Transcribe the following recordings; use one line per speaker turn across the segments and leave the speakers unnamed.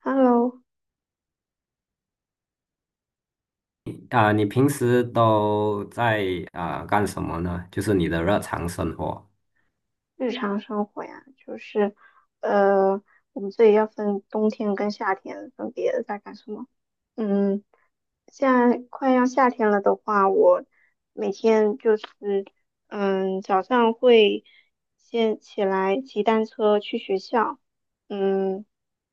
Hello，
你平时都在干什么呢？就是你的日常生活。
日常生活呀，就是呃，我们这里要分冬天跟夏天分别在干什么。嗯，现在快要夏天了的话，我每天就是早上会先起来骑单车去学校，嗯，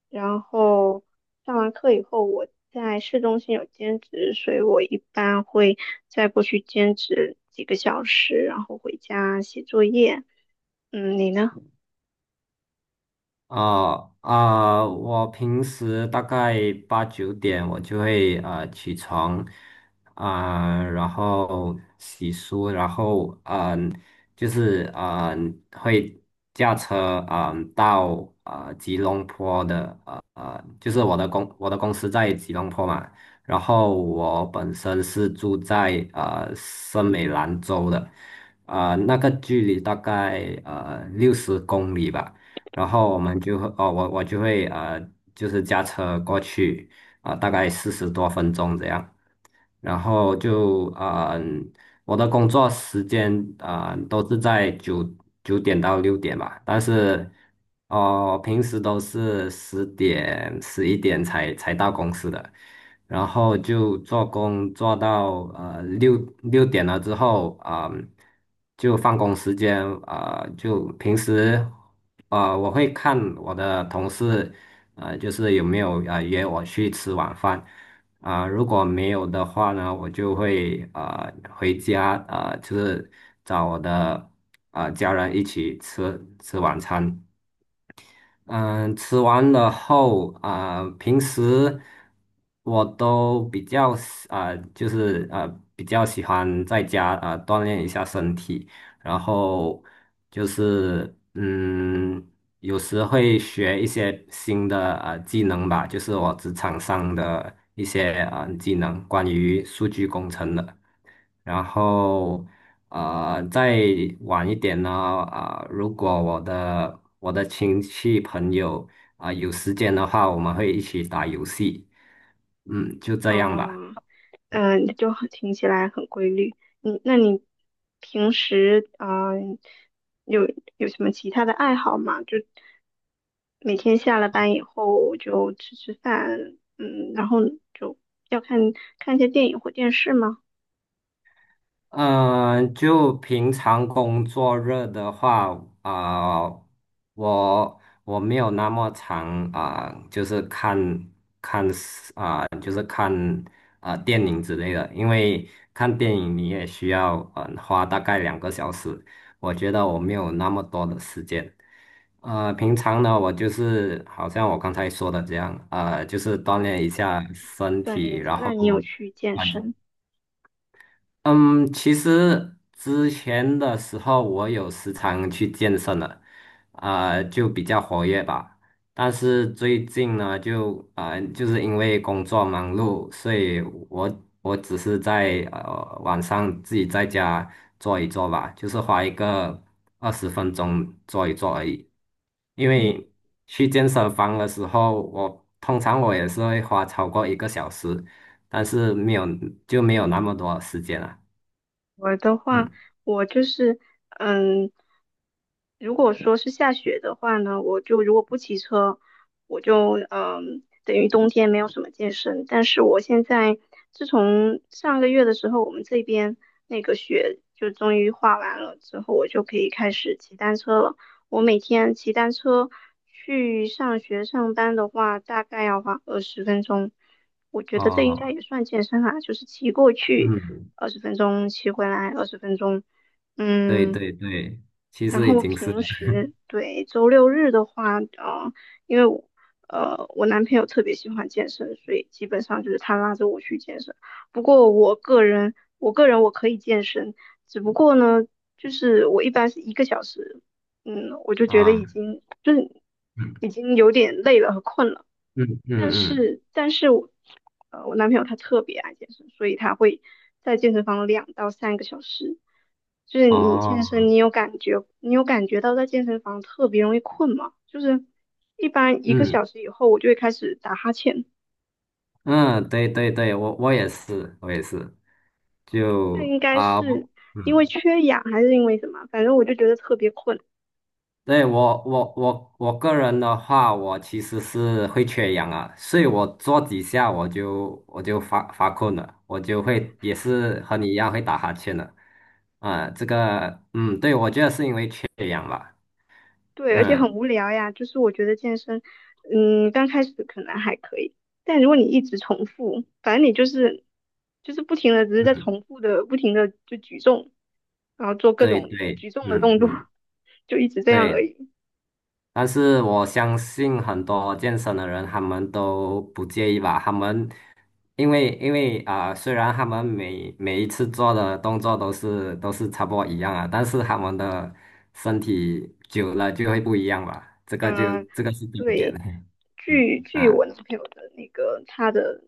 然后上完课以后，我在市中心有兼职，所以我一般会再过去兼职几个小时，然后回家写作业。嗯，你呢？
我平时大概八九点我就会起床然后洗漱，然后就是会驾车到吉隆坡的就是我的公司在吉隆坡嘛。然后我本身是住在森美兰州的，那个距离大概60公里吧。然后我就会就是驾车过去大概40多分钟这样。然后就我的工作时间都是在9点到6点吧，但是平时都是10点11点才到公司的。然后就做工做到六点了之后就放工时间，就平时我会看我的同事就是有没有约我去吃晚饭。如果没有的话呢，我就会回家，就是找我的家人一起吃晚餐。嗯，吃完了后平时我都比较喜啊、比较喜欢在家锻炼一下身体。然后就是有时会学一些新的技能吧，就是我职场上的一些技能，关于数据工程的。然后再晚一点呢，如果我的亲戚朋友有时间的话，我们会一起打游戏。就这样吧。
哦，嗯，就很听起来很规律。那你平时啊，有有什么其他的爱好吗？就每天下了班以后就吃吃饭，嗯，然后就要看看一些电影或电视吗？
嗯、就平常工作日的话，啊、我没有那么长就是看电影之类的，因为看电影你也需要花大概2个小时，我觉得我没有那么多的时间。平常呢，我就是好像我刚才说的这样，就是锻
哦，
炼一下身
锻
体。
炼一下。
然
那
后
你有去健
啊、
身？
嗯，其实之前的时候我有时常去健身了，就比较活跃吧。但是最近呢，就就是因为工作忙碌，所以我我只是在晚上自己在家做一做吧，就是花一个20分钟做一做而已。因
嗯。
为去健身房的时候，我通常也是会花超过一个小时，但是没有那么多时间了。
我的话，
嗯，
我就是，嗯，如果说是下雪的话呢，我就如果不骑车，我就嗯，等于冬天没有什么健身。但是我现在自从上个月的时候，我们这边那个雪就终于化完了之后，我就可以开始骑单车了。我每天骑单车去上学上班的话，大概要花二十分钟。我觉得这应该
哦，
也算健身啊，就是骑过去
嗯，
二十分钟，骑回来二十分钟，
对
嗯，
对对，其
然
实已
后
经是了
平时对周六日的话，呃，因为我男朋友特别喜欢健身，所以基本上就是他拉着我去健身。不过我个人我可以健身，只不过呢，就是我一般是一个小时，嗯，我就觉得已
啊。
经就是
嗯
已经有点累了和困了。
嗯嗯
但
嗯。
是但是我，呃，我男朋友他特别爱健身，所以他会在健身房2到3个小时。就是你健
哦。
身，你有感觉到在健身房特别容易困吗？就是一般一个
嗯
小时以后，我就会开始打哈欠，
嗯。对对对，我也是，我也是，
这
就
应该
啊，
是
我
因为
嗯，
缺氧还是因为什么？反正我就觉得特别困。
对，我个人的话，我其实是会缺氧啊，所以我做几下我就发困了，我就会也是和你一样会打哈欠的。对，我觉得是因为缺氧吧。
对，而且很
嗯
无聊呀。就是我觉得健身，嗯，刚开始可能还可以，但如果你一直重复，反正你就是不停的，只是在
嗯。
重复的，不停的就举重，然后做各
对
种
对，
举重的
嗯
动作，
嗯，
就一直这样而
对。
已。
但是我相信很多健身的人，他们都不介意吧？他们因为虽然他们每一次做的动作都是差不多一样啊，但是他们的身体久了就会不一样吧？这个就
嗯，
这个是重点
对，
的。
据 据
啊，
我男朋友的那个他的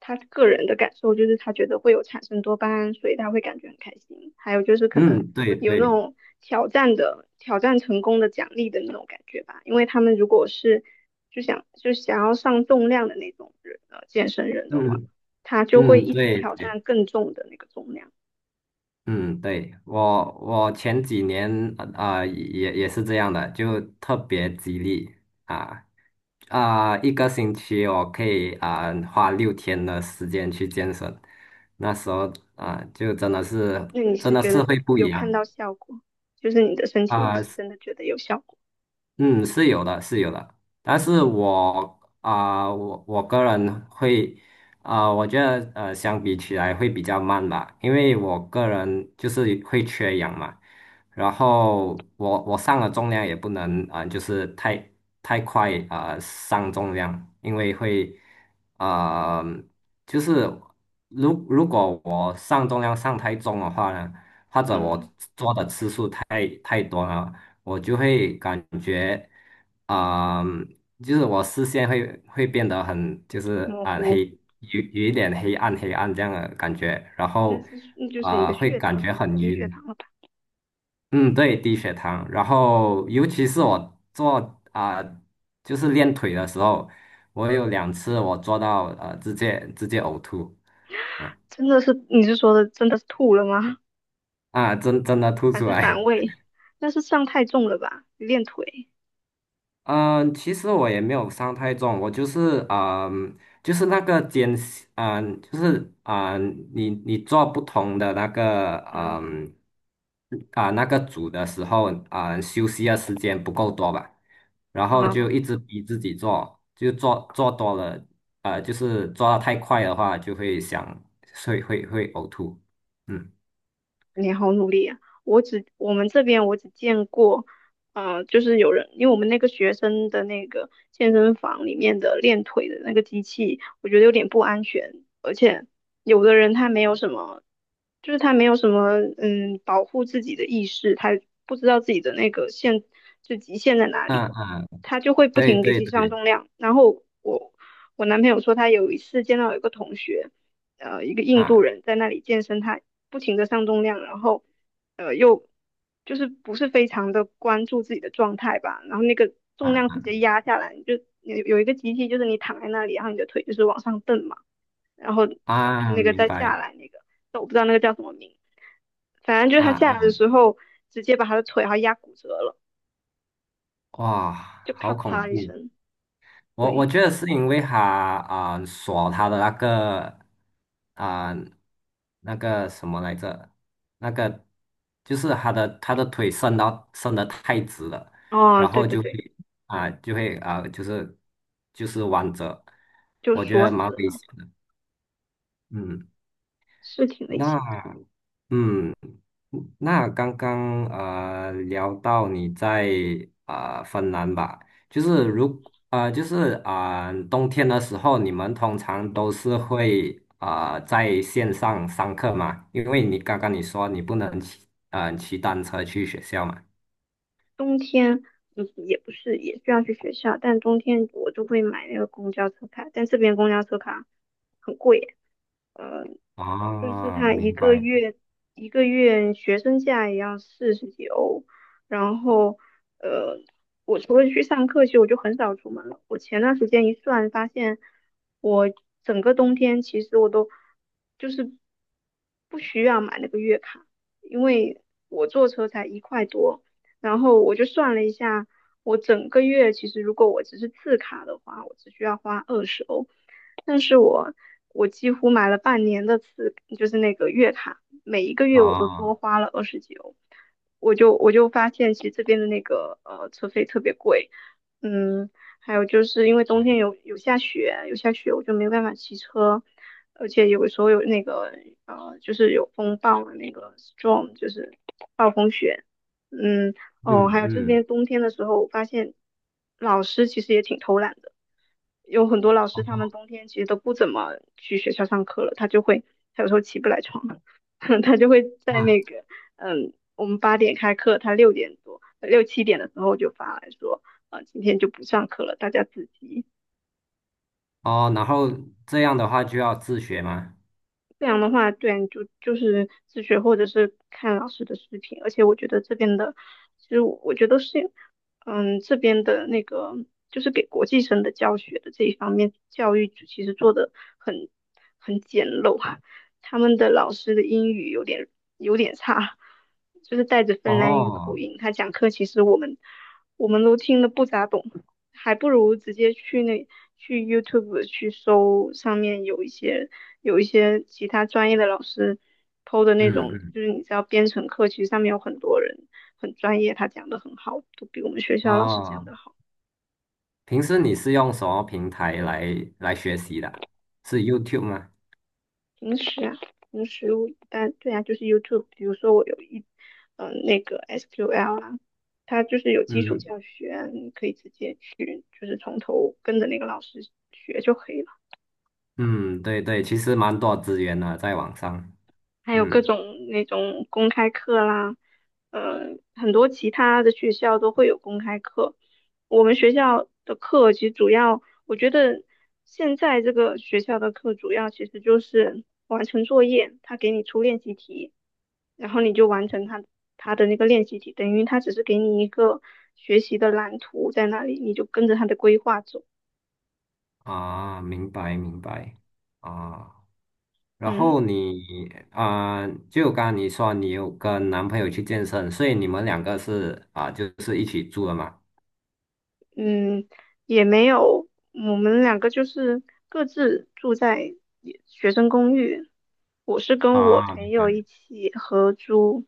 他个人的感受，就是他觉得会有产生多巴胺，所以他会感觉很开心。还有就是可能
嗯，对
有那
对，
种挑战的挑战成功的奖励的那种感觉吧，因为他们如果是就想要上重量的那种人健身人的话，
嗯
他就会
嗯，
一直
对
挑战
对。
更重的那个重量。
嗯，对，我前几年也是这样的，就特别激励。啊一个星期我可以花6天的时间去健身。那时候就真的是
那你
真
是
的
觉
是
得
会不一
有看
样。
到效果，就是你的身体你
啊、
是真的觉得有效果？
嗯，是有的，是有的。但是我个人会，我觉得相比起来会比较慢吧，因为我个人就是会缺氧嘛。然后我上了重量也不能就是太快上重量，因为会啊、就是如果我上重量上太重的话呢，或者我
嗯，
做的次数太多了。我就会感觉，啊、就是我视线会变得很，就是
模糊。
黑，有一点黑暗这样的感觉，然
那
后
是那就是你的
会
血
感觉
糖
很
低血
晕。
糖了吧？
嗯，对，低血糖。然后尤其是我做就是练腿的时候，我有2次我做到直接呕吐。啊
真的是你是说的真的是吐了吗？
真的吐
还
出
是反
来。
胃？那是上太重了吧？练腿？
嗯，其实我也没有伤太重，我就是就是那个肩，就是你做不同的那个
嗯
那个组的时候，休息的时间不够多吧，然后就一
啊。
直逼自己做，就做多了。就是做的太快的话，就会想会会会呕吐。嗯
你好努力啊！我们这边我只见过，呃，就是有人，因为我们那个学生的那个健身房里面的练腿的那个机器，我觉得有点不安全，而且有的人他没有什么，就是他没有什么嗯保护自己的意识，他不知道自己的那个就极限在哪
嗯
里，
嗯。
他就会不
对
停给自
对
己上
对。
重量。然后我男朋友说他有一次见到有一个同学。呃一个印度
啊
人在那里健身，他不停的上重量，然后呃又就是不是非常的关注自己的状态吧，然后那个重量直
啊
接压下来，你就有一个机器就是你躺在那里，然后你的腿就是往上蹬嘛，然后他那个
明
再下
白。
来那个，但我不知道那个叫什么名，反正就是
啊
他下来的
啊。
时候直接把他的腿然后压骨折了，
哇，
就咔
好恐
嚓一
怖！
声，
我
对，
觉得是因为他锁他的那个，啊、那个什么来着，那个就是他的腿伸得太直了，
哦
然
对
后
对
就会
对，
啊、就会啊、就是弯折。
就
我觉
锁
得蛮
死
危险
了，
的。嗯。
是挺危
那。
险
嗯，那刚刚聊到你在芬兰吧，就是如呃就是啊、呃冬天的时候，你们通常都是会在线上上课嘛？因为你刚刚你说你不能骑单车去学校嘛。
冬天，嗯，也不是，也需要去学校，但冬天我就会买那个公交车卡，但这边公交车卡很贵，呃，就是
哦，
它一
明
个
白。
月一个月学生价也要40几欧，然后呃，我除了去上课，其实我就很少出门了。我前段时间一算，发现我整个冬天其实我都就是不需要买那个月卡，因为我坐车才一块多。然后我就算了一下，我整个月其实如果我只是次卡的话，我只需要花20欧，但是我几乎买了半年的次，就是那个月卡，每一个月我都多
哦，
花了20几欧，我就发现其实这边的那个车费特别贵，嗯，还有就是因为冬天有下雪，有下雪我就没办法骑车。而且有时候有那个呃，就是有风暴的那个 storm,就是暴风雪，嗯，哦，
嗯
还有这
嗯。
边冬天的时候，我发现老师其实也挺偷懒的，有很多老师他们
哦
冬天其实都不怎么去学校上课了，他就会他有时候起不来床，他就会在
啊
那个，嗯，我们8点开课，他6点多6、7点的时候就发来说，呃，今天就不上课了，大家自习。
哦，然后这样的话就要自学吗？
这样的话，对，你就就是自学或者是看老师的视频，而且我觉得这边的，其实我觉得是，嗯，这边的那个就是给国际生的教学的这一方面，教育组其实做的很很简陋啊，他们的老师的英语有点差，就是带着芬兰语口
哦，
音，他讲课其实我们都听得不咋懂，还不如直接去 YouTube 去搜上面有一些。有一些其他专业的老师抛的那
嗯
种，
嗯，
就是你知道编程课，其实上面有很多人很专业，他讲的很好，都比我们学校老师讲
哦。
的好。
平时你是用什么平台来学习的啊？是 YouTube 吗？
平时啊，平时我一般对啊，就是 YouTube,比如说我有一嗯、呃那个 SQL 啊，它就是有基础
嗯
教学，你可以直接去就是从头跟着那个老师学就可以了。
嗯，对对，其实蛮多资源的，在网上。
还有各
嗯
种那种公开课啦，呃，很多其他的学校都会有公开课。我们学校的课其实主要，我觉得现在这个学校的课主要其实就是完成作业，他给你出练习题，然后你就完成他的那个练习题，等于他只是给你一个学习的蓝图在那里，你就跟着他的规划走。
明白明白啊。然
嗯。
后你啊，就刚刚你说你有跟男朋友去健身，所以你们两个是啊，就是一起住的嘛？
嗯，也没有，我们两个就是各自住在也学生公寓。我是跟我
啊
朋友一起合租，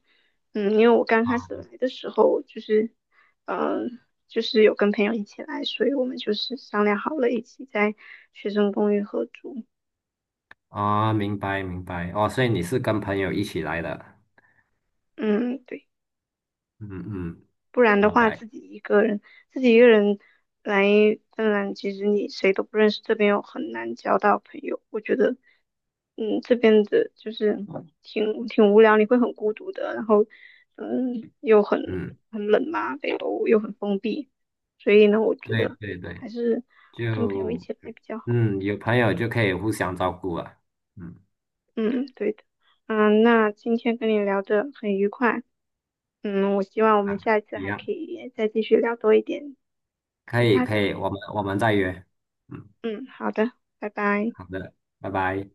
嗯，因为我刚开始来的时候就是，嗯、就是有跟朋友一起来，所以我们就是商量好了，一起在学生公寓合租。
明白明白哦，所以你是跟朋友一起来的。
嗯，对。
嗯嗯，
不然的
明
话，
白。
自己一个人，自己一个人来芬兰，其实你谁都不认识，这边又很难交到朋友。我觉得，嗯，这边的就是挺无聊，你会很孤独的，然后，嗯，又
嗯，
很冷嘛，北欧又很封闭，所以呢，我觉
对
得
对对。
还是跟朋友一
就。
起来比较好。
嗯，有朋友就可以互相照顾了。嗯，
嗯，对的。嗯，那今天跟你聊的很愉快，嗯，我希望我们
啊，
下一次
一
还
样，
可以再继续聊多一点
可
其
以，
他
可
的。
以，我们再约。嗯，
嗯，好的，拜拜。
好的，拜拜。